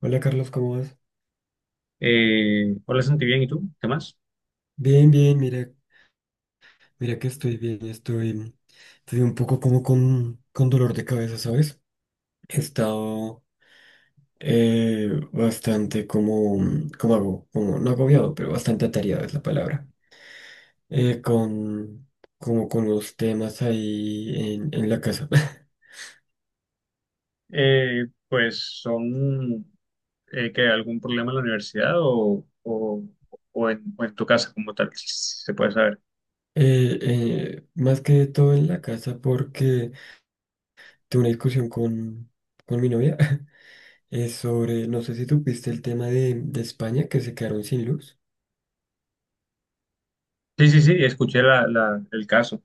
Hola Carlos, ¿cómo vas? Hola Santi, bien, ¿y tú? ¿Qué más? Bien, bien, mira, mira que estoy bien, estoy, estoy un poco como con dolor de cabeza, ¿sabes? He estado bastante como no agobiado, pero bastante atareado es la palabra, eh, con, como con los temas ahí en la casa. Pues son que ¿algún problema en la universidad o en tu casa como tal, si se puede saber? Más que todo en la casa porque tuve una discusión con mi novia. No sé si tú viste el tema de España, que se quedaron sin luz. Sí, sí, sí, escuché el caso.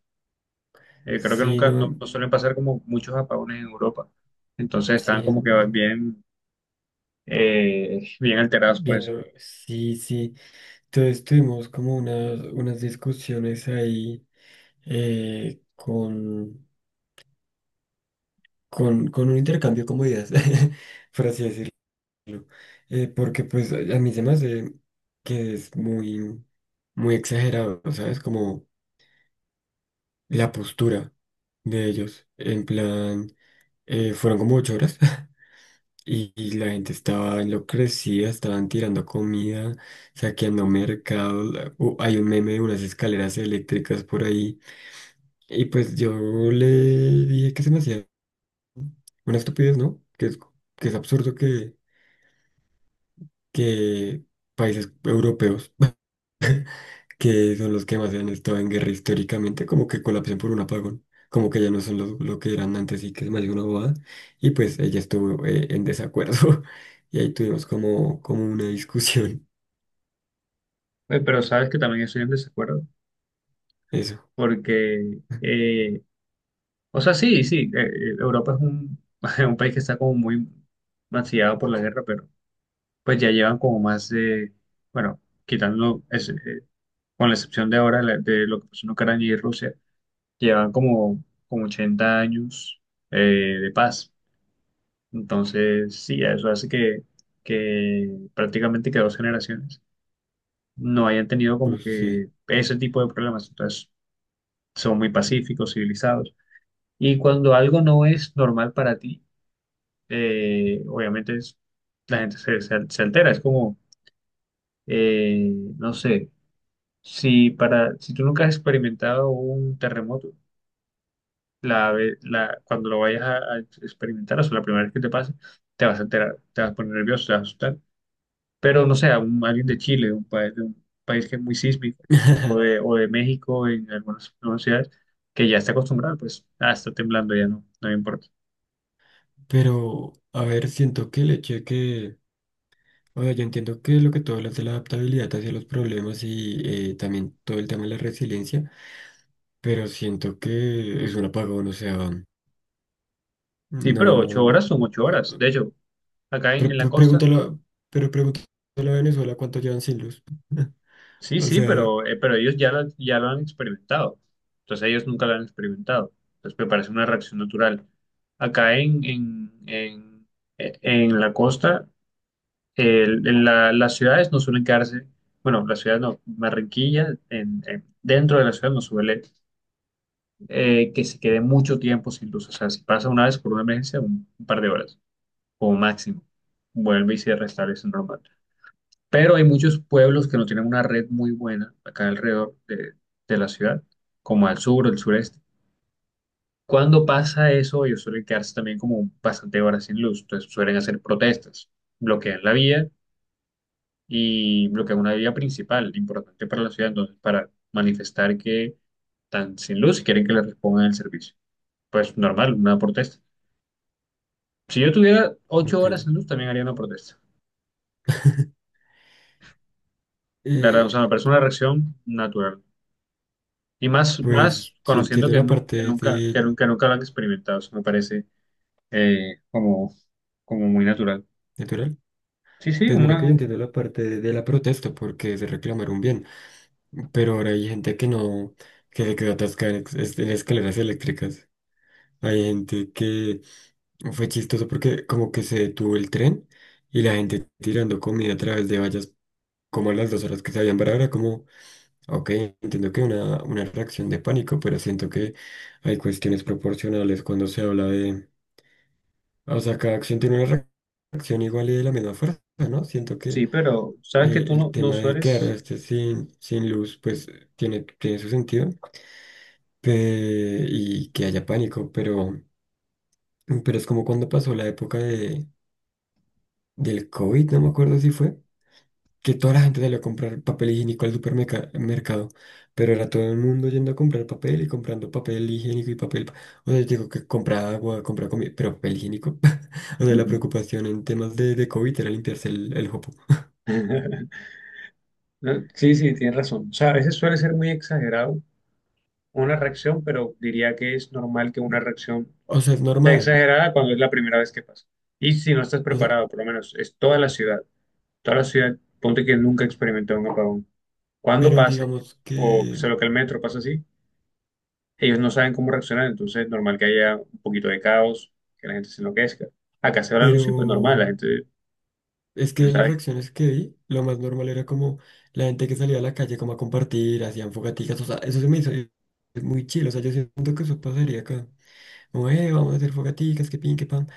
Creo que Sí, nunca, no, no, no suelen pasar como muchos apagones en Europa. Entonces sí, estaban como que no. bien, bien alterados por Bien, eso. Sí, sí. Entonces tuvimos como unas discusiones ahí eh, con, con un intercambio como ideas, por así decirlo. Porque pues a mí se me hace que es muy exagerado, ¿sabes? Como la postura de ellos. En plan, fueron como 8 horas. Y, y la gente estaba enloquecida, estaban tirando comida, saqueando mercados. Hay un meme de unas escaleras eléctricas por ahí. Y pues yo le dije que se me hacía una estupidez, ¿no? Que es absurdo que países europeos, que son los que más han estado en guerra históricamente, como que colapsen por un apagón. Como que ya no son lo que eran antes, y que es más de una bobada. Y pues ella estuvo en desacuerdo. Y ahí tuvimos como una discusión. Pero sabes que también estoy en desacuerdo Eso. porque o sea, sí, sí, Europa es un, un país que está como muy mancillado por la guerra, pero pues ya llevan como más de, bueno, quitando, ese, con la excepción de ahora de lo que pasó en Ucrania y Rusia, llevan como, como 80 años eh, de paz. Entonces, sí, eso hace que prácticamente que dos generaciones no hayan tenido como Pues sí. que ese tipo de problemas. Entonces, son muy pacíficos, civilizados. Y cuando algo no es normal para ti, eh, obviamente es- la gente se altera. Es como, eh, no sé, si tú nunca has experimentado un terremoto, cuando lo vayas a experimentar, o sea, la primera vez que te pase, te vas a alterar, te vas a poner nervioso, te vas a asustar. Pero no sé, alguien de Chile, de un país que es muy sísmico, o de México, en algunas ciudades, que ya está acostumbrado, pues, ah, está temblando, ya no, no me importa. Pero, a ver, siento que el hecho o sea, yo entiendo que lo que todo hablas de la adaptabilidad hacia los problemas y también todo el tema de la resiliencia, pero siento que es un apagón, o sea, Sí, pero ocho no... horas son ocho horas. De o- hecho, acá en la costa. pregúntalo, pero pregúntalo a Venezuela cuánto llevan sin luz. Sí, O sí, sea, pero ellos ya lo han experimentado. Entonces ellos nunca lo han experimentado. Entonces me parece una reacción natural. Acá en la costa, las ciudades no suelen quedarse, bueno, las ciudades no, Barranquilla, dentro de la ciudad no suele que se quede mucho tiempo sin luz. O sea, si pasa una vez por una emergencia, un par de horas como máximo, vuelve y se restablece normal. Pero hay muchos pueblos que no tienen una red muy buena acá alrededor de la ciudad, como al sur o el sureste. Cuando pasa eso, ellos suelen quedarse también como bastante horas sin luz, entonces suelen hacer protestas, bloquean la vía y bloquean una vía principal, importante para la ciudad, entonces para manifestar que están sin luz y quieren que les respondan el servicio. Pues normal, una protesta. Si yo tuviera ocho ok. horas sin luz, también haría una protesta. La verdad, o Eh, sea, me parece una reacción natural. Y más, más pues yo conociendo entiendo que, la nu- que parte nunca, de que nunca, nunca lo han experimentado, eso me parece eh, como, como muy natural. natural. Sí, sí, Pues mira que yo una, entiendo la parte de la protesta, porque es reclamar un bien. Pero ahora hay gente que no, que se quedó atascada en, en escaleras eléctricas. Hay gente que fue chistoso porque como que se detuvo el tren y la gente tirando comida a través de vallas como a las 2 horas que se habían parado. Era como, ok, entiendo que una reacción de pánico, pero siento que hay cuestiones proporcionales cuando se habla de... O sea, cada acción tiene una reacción igual y de la misma fuerza, ¿no? Siento que sí, pero sabes que tú no, el no tema de sueles. quedarse sin, sin luz, pues tiene su sentido. Y que haya pánico, pero es como cuando pasó la época de, del COVID, no me acuerdo si fue, que toda la gente salió a comprar papel higiénico al supermercado, pero era todo el mundo yendo a comprar papel y comprando papel higiénico y papel, o sea, digo que compra agua, compra comida, pero papel higiénico. O sea, la Ujú. preocupación en temas de COVID era limpiarse el jopo, Sí, sí, tienes razón. O sea, a veces suele ser muy exagerado una reacción, pero diría que es normal que una reacción o sea, es sea normal. exagerada cuando es la primera vez que pasa. Y si no estás O sea, preparado, por lo menos es toda la ciudad, ponte que nunca experimentó un apagón. Cuando pero pase, digamos o que, sea, lo que el metro pasa así, ellos no saben cómo reaccionar, entonces es normal que haya un poquito de caos, que la gente se enloquezca. Acá se va la luz y pues normal, la pero... gente Es que pues, de las sabe, reacciones que vi, lo más normal era como la gente que salía a la calle como a compartir, hacían fogaticas, o sea, eso se me hizo muy chido. O sea, yo siento que eso pasaría acá. Como, vamos a hacer fogaticas, que pin, que pan.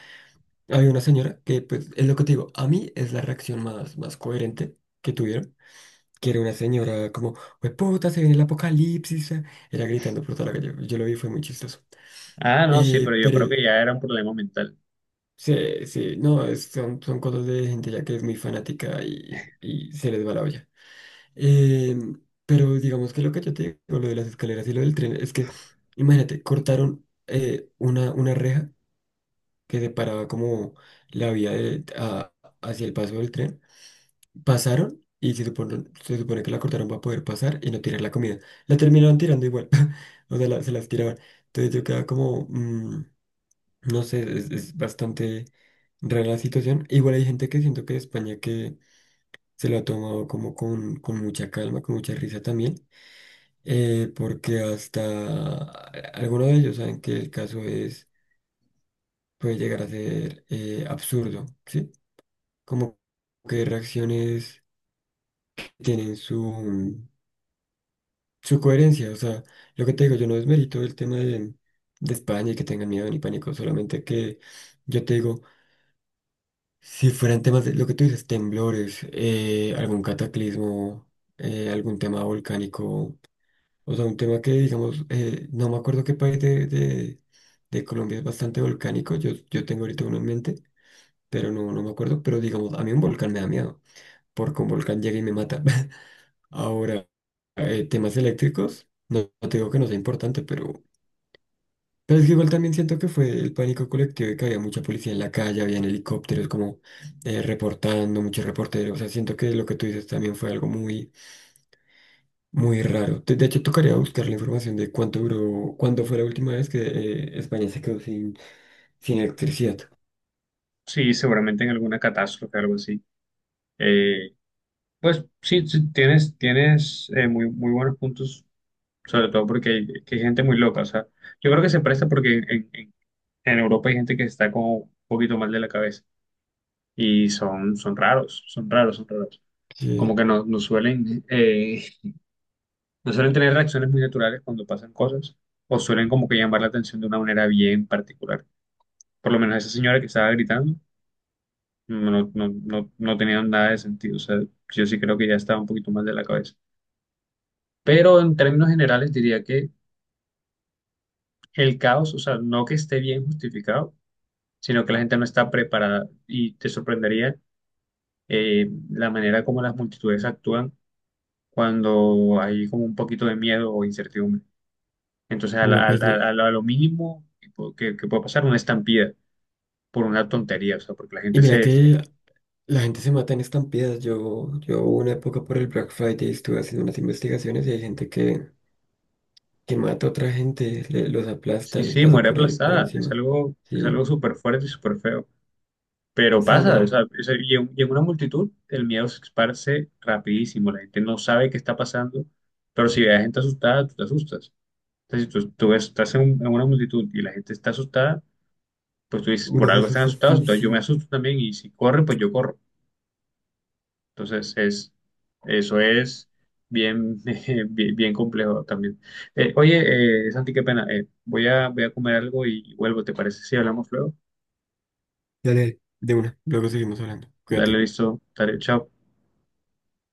Había una señora que, pues, es lo que te digo, a mí es la reacción más coherente que tuvieron, que era una señora como, pues puta, se viene el apocalipsis, ah", era gritando por toda la calle, yo lo vi, fue muy chistoso. ah, no, sí, pero yo Pero... creo que ya era un problema mental. Sí, sí, no, son cosas de gente ya que es muy fanática y se les va la olla. Eh, pero digamos que lo que yo te digo, lo de las escaleras y lo del tren, es que, imagínate, cortaron una reja que separaba como la vía hacia el paso del tren. Pasaron y se supone que la cortaron para poder pasar y no tirar la comida. La terminaron tirando igual. O sea, se las tiraban. Entonces yo quedaba como, no sé, es bastante rara la situación. Igual hay gente que siento que de España que se lo ha tomado como con mucha calma, con mucha risa también, porque hasta algunos de ellos saben que el caso es, puede llegar a ser absurdo, ¿sí? Como que reacciones que tienen su coherencia. O sea, lo que te digo, yo no desmerito el tema de España y que tengan miedo ni pánico, solamente que yo te digo, si fueran temas de lo que tú dices, temblores, algún cataclismo, algún tema volcánico. O sea, un tema que, digamos, no me acuerdo qué país de Colombia es bastante volcánico. Yo tengo ahorita uno en mente, pero no, no me acuerdo. Pero, digamos, a mí un volcán me da miedo, porque un volcán llega y me mata. Ahora, temas eléctricos, no, no te digo que no sea importante, pero es que igual también siento que fue el pánico colectivo, y que había mucha policía en la calle, habían helicópteros como reportando, muchos reporteros. O sea, siento que lo que tú dices también fue algo muy muy raro. De hecho, tocaría buscar la información de cuánto duró, cuándo fue la última vez que España se quedó sin, sin electricidad. Sí, seguramente en alguna catástrofe, algo así. Eh, pues sí, sí, tienes muy buenos puntos, sobre todo porque hay, que hay gente muy loca, o sea, yo creo que se presta porque en Europa hay gente que está como un poquito mal de la cabeza y son, son raros, son raros, son raros. Sí, Como que no, no suelen no suelen tener reacciones muy naturales cuando pasan cosas o suelen como que llamar la atención de una manera bien particular. Por lo menos esa señora que estaba gritando no, no, no, no tenía nada de sentido. O sea, yo sí creo que ya estaba un poquito mal de la cabeza. Pero en términos generales diría que el caos, o sea, no que esté bien justificado, sino que la gente no está preparada y te sorprendería la manera como las multitudes actúan cuando hay como un poquito de miedo o incertidumbre. Entonces, no, pues no. A lo mínimo que puede pasar una estampida por una tontería, o sea, porque la Y gente mira que la gente se mata en estampidas. Yo hubo una época por el Black Friday, estuve haciendo unas investigaciones, y hay gente que mata a otra gente, los aplasta, sí, les sí, pasa muere por aplastada. Encima. Es Sí, algo súper fuerte y súper feo. Pero sí, pasa, o sea, no. Y y en una multitud el miedo se esparce rapidísimo. La gente no sabe qué está pasando, pero si ve a gente asustada, tú te asustas. Entonces, si tú, tú estás en, en una multitud y la gente está asustada, pues tú dices, Uno por se algo están asusta, asustados, sí, entonces yo me sí. asusto también y si corre, pues yo corro. Entonces, es, eso es bien, bien complejo también. Santi, qué pena. Voy a comer algo y vuelvo, ¿te parece si hablamos luego? Dale, de una. Luego seguimos hablando. Dale, Cuídate. listo. Dale, chao.